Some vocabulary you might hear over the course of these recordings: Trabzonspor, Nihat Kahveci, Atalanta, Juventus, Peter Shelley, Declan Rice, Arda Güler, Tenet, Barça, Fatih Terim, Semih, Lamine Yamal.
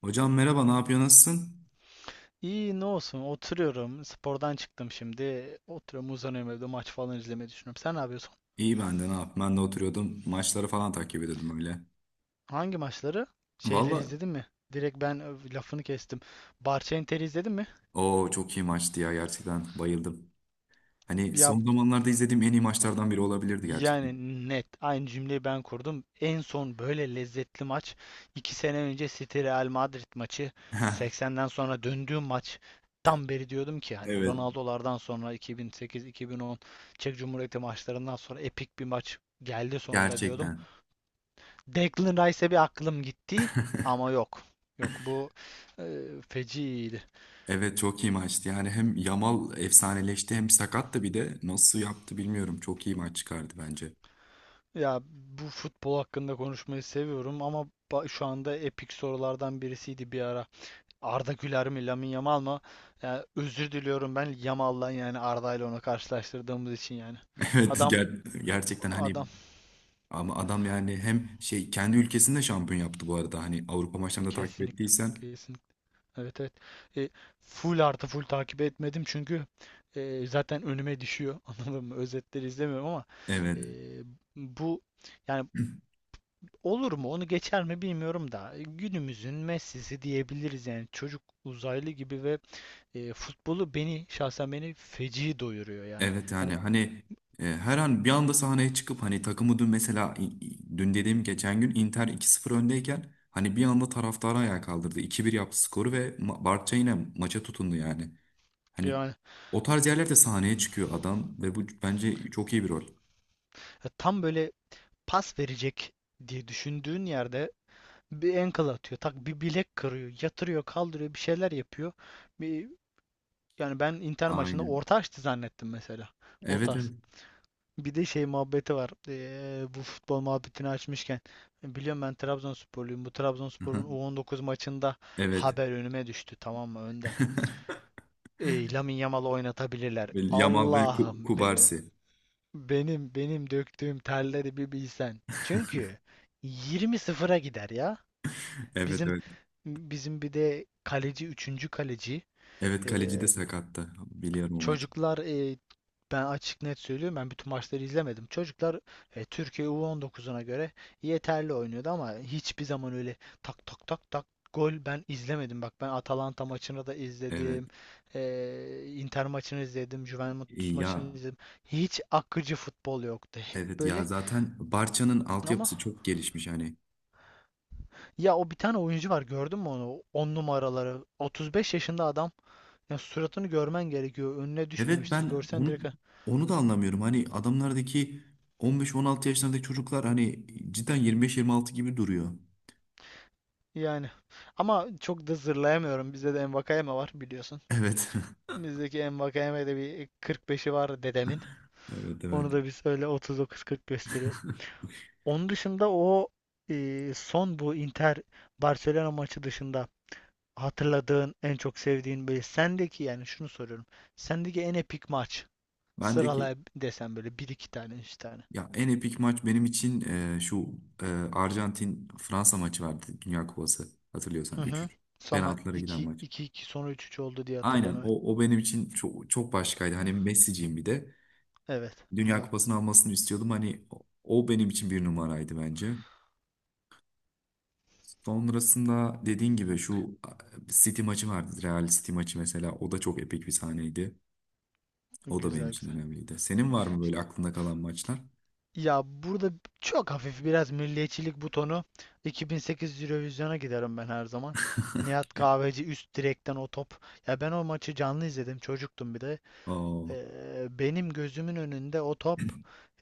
Hocam merhaba, ne yapıyor, nasılsın? İyi ne olsun oturuyorum. Spordan çıktım şimdi. Oturuyorum uzanıyorum evde maç falan izlemeyi düşünüyorum. Sen ne yapıyorsun? İyi ben de ne yap? Ben de oturuyordum. Maçları falan takip ediyordum öyle. Hangi maçları? Şeyleri Valla izledin mi? Direkt ben lafını kestim. Barça Inter'i izledin mi? o çok iyi maçtı ya gerçekten bayıldım. Hani Ya son zamanlarda izlediğim en iyi maçlardan biri olabilirdi gerçekten. yani net aynı cümleyi ben kurdum. En son böyle lezzetli maç 2 sene önce City Real Madrid maçı 80'den sonra döndüğüm maç. Tam beri diyordum ki hani Evet Ronaldo'lardan sonra 2008-2010 Çek Cumhuriyeti maçlarından sonra epik bir maç geldi sonunda diyordum. gerçekten. Declan Rice'e bir aklım gitti ama yok. Yok bu e, feci iyiydi. Evet çok iyi maçtı. Yani hem Yamal efsaneleşti hem sakat da bir de nasıl yaptı bilmiyorum. Çok iyi maç çıkardı bence. Ya bu futbol hakkında konuşmayı seviyorum ama şu anda epik sorulardan birisiydi bir ara. Arda Güler mi, Lamine Yamal mı? Ya, özür diliyorum ben Yamal'dan yani Arda ile onu karşılaştırdığımız için yani. Evet Adam gerçekten hani adam, ama adam yani hem şey kendi ülkesinde şampiyon yaptı bu arada. Hani Avrupa maçlarını da takip kesinlikle ettiysen kesinlikle. Evet evet. E, Full artı full takip etmedim çünkü zaten önüme düşüyor. Anladın mı? Özetleri izlemiyorum ama e, evet. bu yani olur mu? Onu geçer mi bilmiyorum da günümüzün Messi'si diyebiliriz yani çocuk uzaylı gibi ve futbolu beni şahsen beni feci doyuruyor yani. Evet Hani yani hani her an bir anda sahneye çıkıp hani takımı dün mesela dün dediğim geçen gün Inter 2-0 öndeyken hani bir anda taraftarı ayağa kaldırdı. İki bir yaptı skoru ve Barça yine maça tutundu yani. Hani yani o tarz yerlerde sahneye çıkıyor adam ve bu bence çok iyi bir rol. tam böyle pas verecek diye düşündüğün yerde bir ankle atıyor, tak bir bilek kırıyor, yatırıyor, kaldırıyor, bir şeyler yapıyor. Bir Yani ben Inter maçında Aynen. orta açtı zannettim mesela. O Evet tarz. evet. Bir de şey muhabbeti var. Bu futbol muhabbetini açmışken. Biliyorum ben Trabzonsporluyum. Bu Aha, Trabzonspor'un U19 maçında evet. haber önüme düştü, tamam mı Önder? Lamine Yamal'ı oynatabilirler. Ve Yamal ve Allah'ım be- Kubarsi. benim benim döktüğüm terleri bir bilsen. Çünkü 20-0'a gider ya. Evet Bizim evet. bizim bir de kaleci, üçüncü kaleci Evet kaleci de ee, sakattı. Biliyorum o maçı. Çocuklar, ben açık net söylüyorum, ben bütün maçları izlemedim. Çocuklar, Türkiye U19'una göre yeterli oynuyordu ama hiçbir zaman öyle tak tak tak tak gol ben izlemedim. Bak ben Atalanta maçını da Evet. izledim. Inter maçını izledim. Juventus İyi maçını ya. izledim. Hiç akıcı futbol yoktu. Hep Evet ya böyle zaten Barça'nın ama altyapısı çok gelişmiş hani. ya o bir tane oyuncu var, gördün mü onu? 10 numaraları, 35 yaşında adam. Ya suratını görmen gerekiyor. Önüne Evet düşmemiştir. ben Görsen onu direkt onu da anlamıyorum. Hani adamlardaki 15-16 yaşlarındaki çocuklar hani cidden 25-26 gibi duruyor. yani. Ama çok da zırlayamıyorum. Bizde de Envakayeme var biliyorsun. Evet. Bizdeki Envakayeme'de bir 45'i var dedemin. Evet evet. Onu da biz öyle 39-40 gösteriyoruz. Onun dışında son bu Inter Barcelona maçı dışında hatırladığın en çok sevdiğin, böyle sendeki, yani şunu soruyorum. Sendeki en epik maç Bendeki sıralay desem böyle, bir iki tane, 3 tane. ya en epik maç benim için şu e, Arjantin Fransa maçı vardı Dünya Kupası. Hatırlıyorsan Hı üç hı. üç Sonra penaltılara giden iki maç. iki iki, sonra üç üç oldu diye hatırlıyorum, Aynen evet. o o benim için çok çok başkaydı. Hani Messi'ciyim bir de. Evet, Dünya anladım. Kupası'nı almasını istiyordum. Hani o o benim için bir numaraydı bence. Sonrasında dediğin gibi şu City maçı vardı. Real City maçı mesela. O da çok epik bir sahneydi. O da benim Güzel için güzel. önemliydi. Senin var mı böyle aklında kalan maçlar? Ya burada çok hafif biraz milliyetçilik butonu, 2008 Eurovision'a giderim ben her zaman. Nihat Kahveci, üst direkten o top. Ya ben o maçı canlı izledim. Çocuktum bir de. Ee, Oo, benim gözümün önünde o top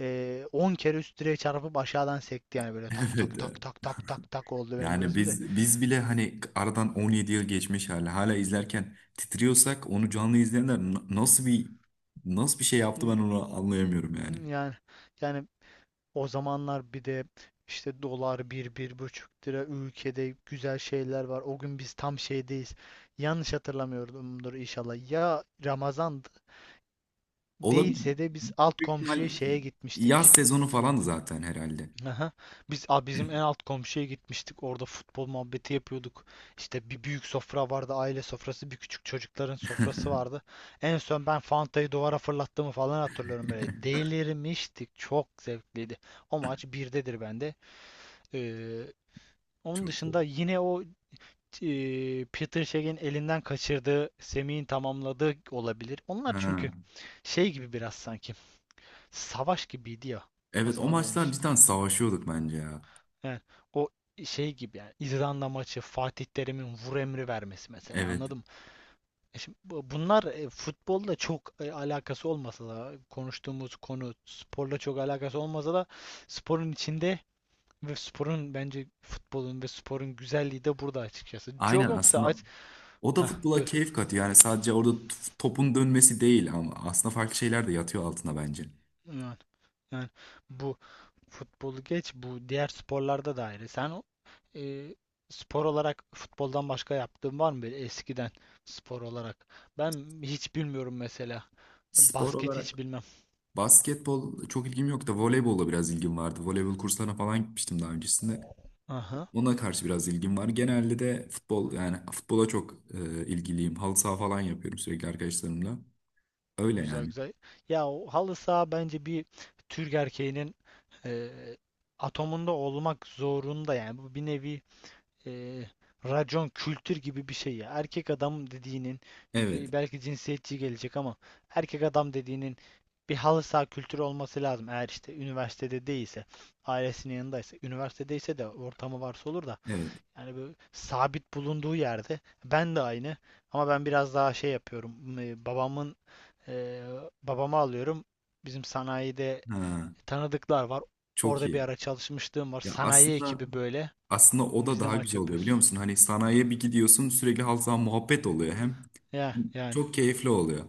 10 kere üst direğe çarpıp aşağıdan sekti yani, böyle tak evet. tak tak tak tak tak tak oldu benim Yani gözümde. biz bile hani aradan 17 yıl geçmiş hala izlerken titriyorsak onu canlı izleyenler nasıl bir nasıl bir şey yaptı Ee, ben onu anlayamıyorum yani. Yani yani, o zamanlar bir de işte dolar bir bir buçuk lira, ülkede güzel şeyler var. O gün biz tam şeydeyiz. Yanlış hatırlamıyorumdur inşallah. Ya Ramazan Olabilir. değilse de biz alt Büyük ihtimal komşuya şeye yaz gitmiştik. sezonu falan zaten herhalde. Aha. Bizim en alt komşuya gitmiştik. Orada futbol muhabbeti yapıyorduk. İşte bir büyük sofra vardı, aile sofrası, bir küçük çocukların sofrası vardı. En son ben Fanta'yı duvara fırlattığımı falan hatırlıyorum böyle. Delirmiştik. Çok zevkliydi. O maç birdedir bende. Ee, Onun Çok iyi. dışında yine Peter Shelley'in elinden kaçırdığı, Semih'in tamamladığı olabilir. Onlar Ha. çünkü şey gibi biraz sanki. Savaş gibiydi ya o Evet o zaman benim maçlar için. cidden savaşıyorduk bence ya. Yani o şey gibi, yani İzlanda maçı Fatih Terim'in vur emri vermesi mesela, Evet. anladım. Şimdi bunlar futbolla çok alakası olmasa da, konuştuğumuz konu sporla çok alakası olmasa da sporun içinde ve sporun, bence futbolun ve sporun güzelliği de burada açıkçası. Joe Aynen Cox'a aslında aç... o da Hah, futbola buyur. keyif katıyor. Yani sadece orada topun dönmesi değil ama aslında farklı şeyler de yatıyor altına bence. Evet. Yani bu futbolu geç, bu diğer sporlarda da ayrı. Sen e, spor olarak futboldan başka yaptığın var mı böyle eskiden, spor olarak? Ben hiç bilmiyorum mesela. Spor Basket hiç olarak bilmem. basketbol çok ilgim yok da voleybolla biraz ilgim vardı. Voleybol kurslarına falan gitmiştim daha öncesinde. Aha. Ona karşı biraz ilgim var. Genelde de futbol yani futbola çok ilgiliyim. Halı saha falan yapıyorum sürekli arkadaşlarımla. Öyle Güzel yani. güzel. Ya o halı saha bence bir Türk erkeğinin e, atomunda olmak zorunda yani. Bu bir nevi e, racon kültür gibi bir şey ya. Erkek adam dediğinin, Evet. Belki cinsiyetçi gelecek ama, erkek adam dediğinin bir halı saha kültürü olması lazım. Eğer işte üniversitede değilse, ailesinin yanındaysa, üniversitedeyse de ortamı varsa olur da Evet. yani böyle sabit bulunduğu yerde ben de aynı, ama ben biraz daha şey yapıyorum. E, babamı alıyorum. Bizim sanayide Ha, tanıdıklar var. çok Orada bir iyi. ara çalışmışlığım var. Ya Sanayi aslında ekibi böyle. aslında o da Biz de daha maç güzel oluyor biliyor yapıyoruz. musun? Hani sanayiye bir gidiyorsun sürekli halkla muhabbet oluyor hem Ya yani çok keyifli oluyor.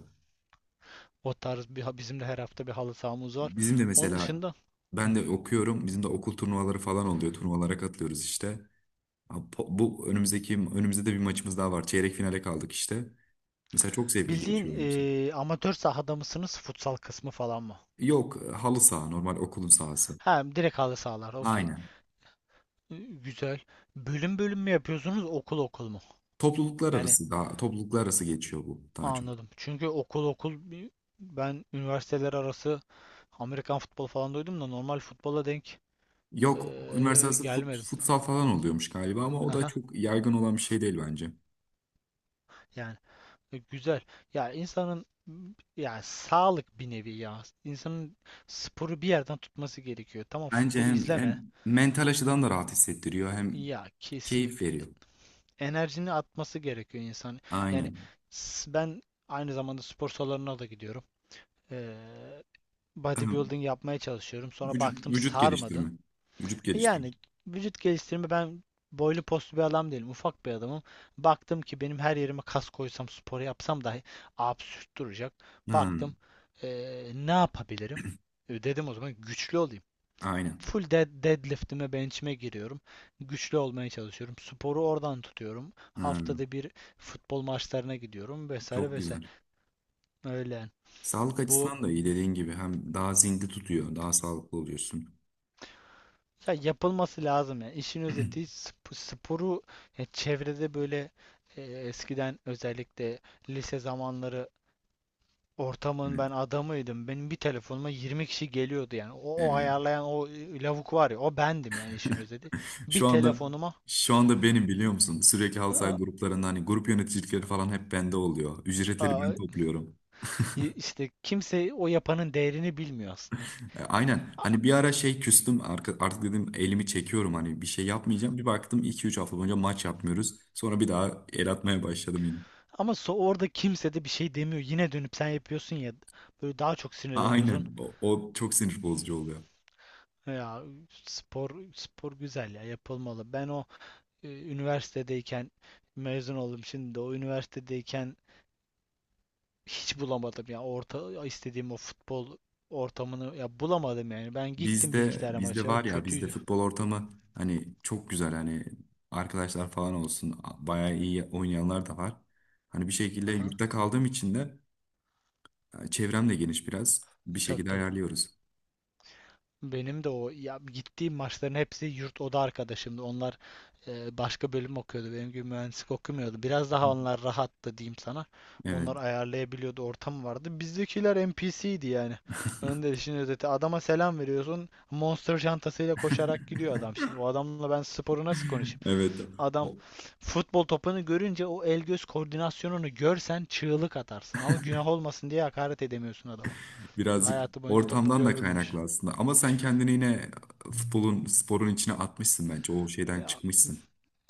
o tarz bir bizim de her hafta bir halı sahamız var. Bizim de Onun mesela dışında hı, ben de okuyorum. Bizim de okul turnuvaları falan oluyor. Turnuvalara katılıyoruz işte. Ha, bu önümüzdeki önümüzde de bir maçımız daha var. Çeyrek finale kaldık işte. Mesela çok zevkli bildiğin geçiyor benim için. Amatör sahada mısınız, futsal kısmı falan mı? Yok halı saha normal okulun sahası. Ha, direkt halı sahalar, okey. Aynen. Güzel. Bölüm bölüm mü yapıyorsunuz, okul okul mu? Yani Topluluklar arası geçiyor bu daha çok. anladım. Çünkü okul okul ben üniversiteler arası Amerikan futbolu falan duydum da normal futbola denk Yok üniversite arası gelmedim. futsal falan oluyormuş galiba ama o da Haha. çok yaygın olan bir şey değil bence. Yani, güzel. Ya insanın yani sağlık bir nevi ya. İnsanın sporu bir yerden tutması gerekiyor. Tamam, Bence futbol hem, izleme. hem mental açıdan da rahat hissettiriyor hem Ya keyif kesinlikle. veriyor. Enerjini atması gerekiyor insan. Yani Aynen. Ben aynı zamanda spor salonuna da gidiyorum. Ee, bodybuilding yapmaya çalışıyorum. Sonra baktım vücut sarmadı. geliştirme. Vücut geliştirme. Yani vücut geliştirme, ben boylu postlu bir adam değilim. Ufak bir adamım. Baktım ki benim her yerime kas koysam, spor yapsam dahi absürt duracak. Ha, Baktım ne yapabilirim? Dedim o zaman güçlü olayım. aynen. Full deadlift'ime, bench'ime giriyorum. Güçlü olmaya çalışıyorum. Sporu oradan tutuyorum. Ha, Haftada bir futbol maçlarına gidiyorum vesaire çok vesaire. güzel. Öyle. Yani. Sağlık Bu açısından da iyi dediğin gibi hem daha zinde tutuyor, daha sağlıklı oluyorsun. Ya yapılması lazım yani. İşin özeti sporu, ya çevrede böyle eskiden özellikle lise zamanları ortamın Evet. ben adamıydım. Benim bir telefonuma 20 kişi geliyordu yani. O Evet. ayarlayan o lavuk var ya, o bendim yani, işin özeti. Bir Şu anda telefonuma şu anda benim biliyor musun? Sürekli halsay aa, gruplarında hani grup yöneticilikleri falan hep bende oluyor. Ücretleri aa, ben topluyorum. İşte kimse o yapanın değerini bilmiyor aslında. E, E, aynen. a- Hani bir ara şey küstüm artık dedim elimi çekiyorum hani bir şey yapmayacağım. Bir baktım iki üç hafta boyunca maç yapmıyoruz. Sonra bir daha el atmaya başladım yine. Ama orada kimse de bir şey demiyor. Yine dönüp sen yapıyorsun ya, böyle daha çok sinirleniyorsun. Aynen. O çok sinir bozucu oluyor. Ya spor spor güzel ya, yapılmalı. Ben üniversitedeyken, mezun oldum şimdi de, o üniversitedeyken hiç bulamadım ya, orta istediğim o futbol ortamını ya bulamadım yani. Ben gittim bir iki tane Bizde maça, var ya bizde kötüydü. futbol ortamı hani çok güzel hani arkadaşlar falan olsun. Bayağı iyi oynayanlar da var. Hani bir şekilde Aha. yurtta kaldığım için de çevrem de geniş biraz. Bir Tabii şekilde tabii. ayarlıyoruz. Benim de o ya gittiğim maçların hepsi yurt oda arkadaşımdı. Onlar başka bölüm okuyordu. Benim gibi mühendislik okumuyordu. Biraz daha onlar rahattı diyeyim sana. Evet. Onlar ayarlayabiliyordu, ortam vardı. Bizdekiler NPC'ydi yani. Önde işin özeti. Adama selam veriyorsun. Monster çantasıyla koşarak gidiyor adam şimdi. O adamla ben sporu nasıl konuşayım? Evet. Adam futbol topunu görünce o el göz koordinasyonunu görsen çığlık atarsın. Ama günah olmasın diye hakaret edemiyorsun adama. Birazcık Hayatı boyunca topu ortamdan da görmemiş. kaynaklı aslında. Ama sen kendini yine futbolun, sporun içine atmışsın bence. O şeyden Ya çıkmışsın.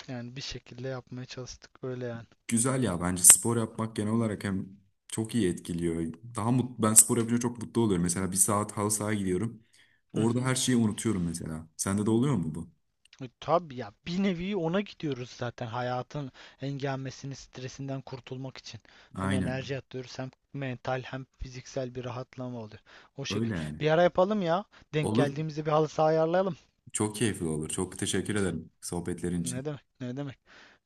yani bir şekilde yapmaya çalıştık öyle yani. Güzel ya bence spor yapmak genel olarak hem çok iyi etkiliyor. Daha mut ben spor yapınca çok mutlu oluyorum. Mesela bir saat halı sahaya gidiyorum. Hı Orada hı. her şeyi unutuyorum mesela. Sende de oluyor mu bu? Tabii ya, bir nevi ona gidiyoruz zaten, hayatın engelmesini stresinden kurtulmak için. Hem Aynen. enerji atıyoruz, hem mental hem fiziksel bir rahatlama oluyor. O şekil. Öyle yani. Bir ara yapalım ya. Denk Olur. geldiğimizde bir halı saha ayarlayalım. Çok keyifli olur. Çok teşekkür ederim sohbetlerin Ne için. demek ne demek.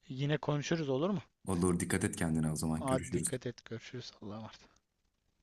Yine konuşuruz, olur mu? Olur. Dikkat et kendine o zaman. Hadi Görüşürüz. dikkat et, görüşürüz, Allah'a emanet.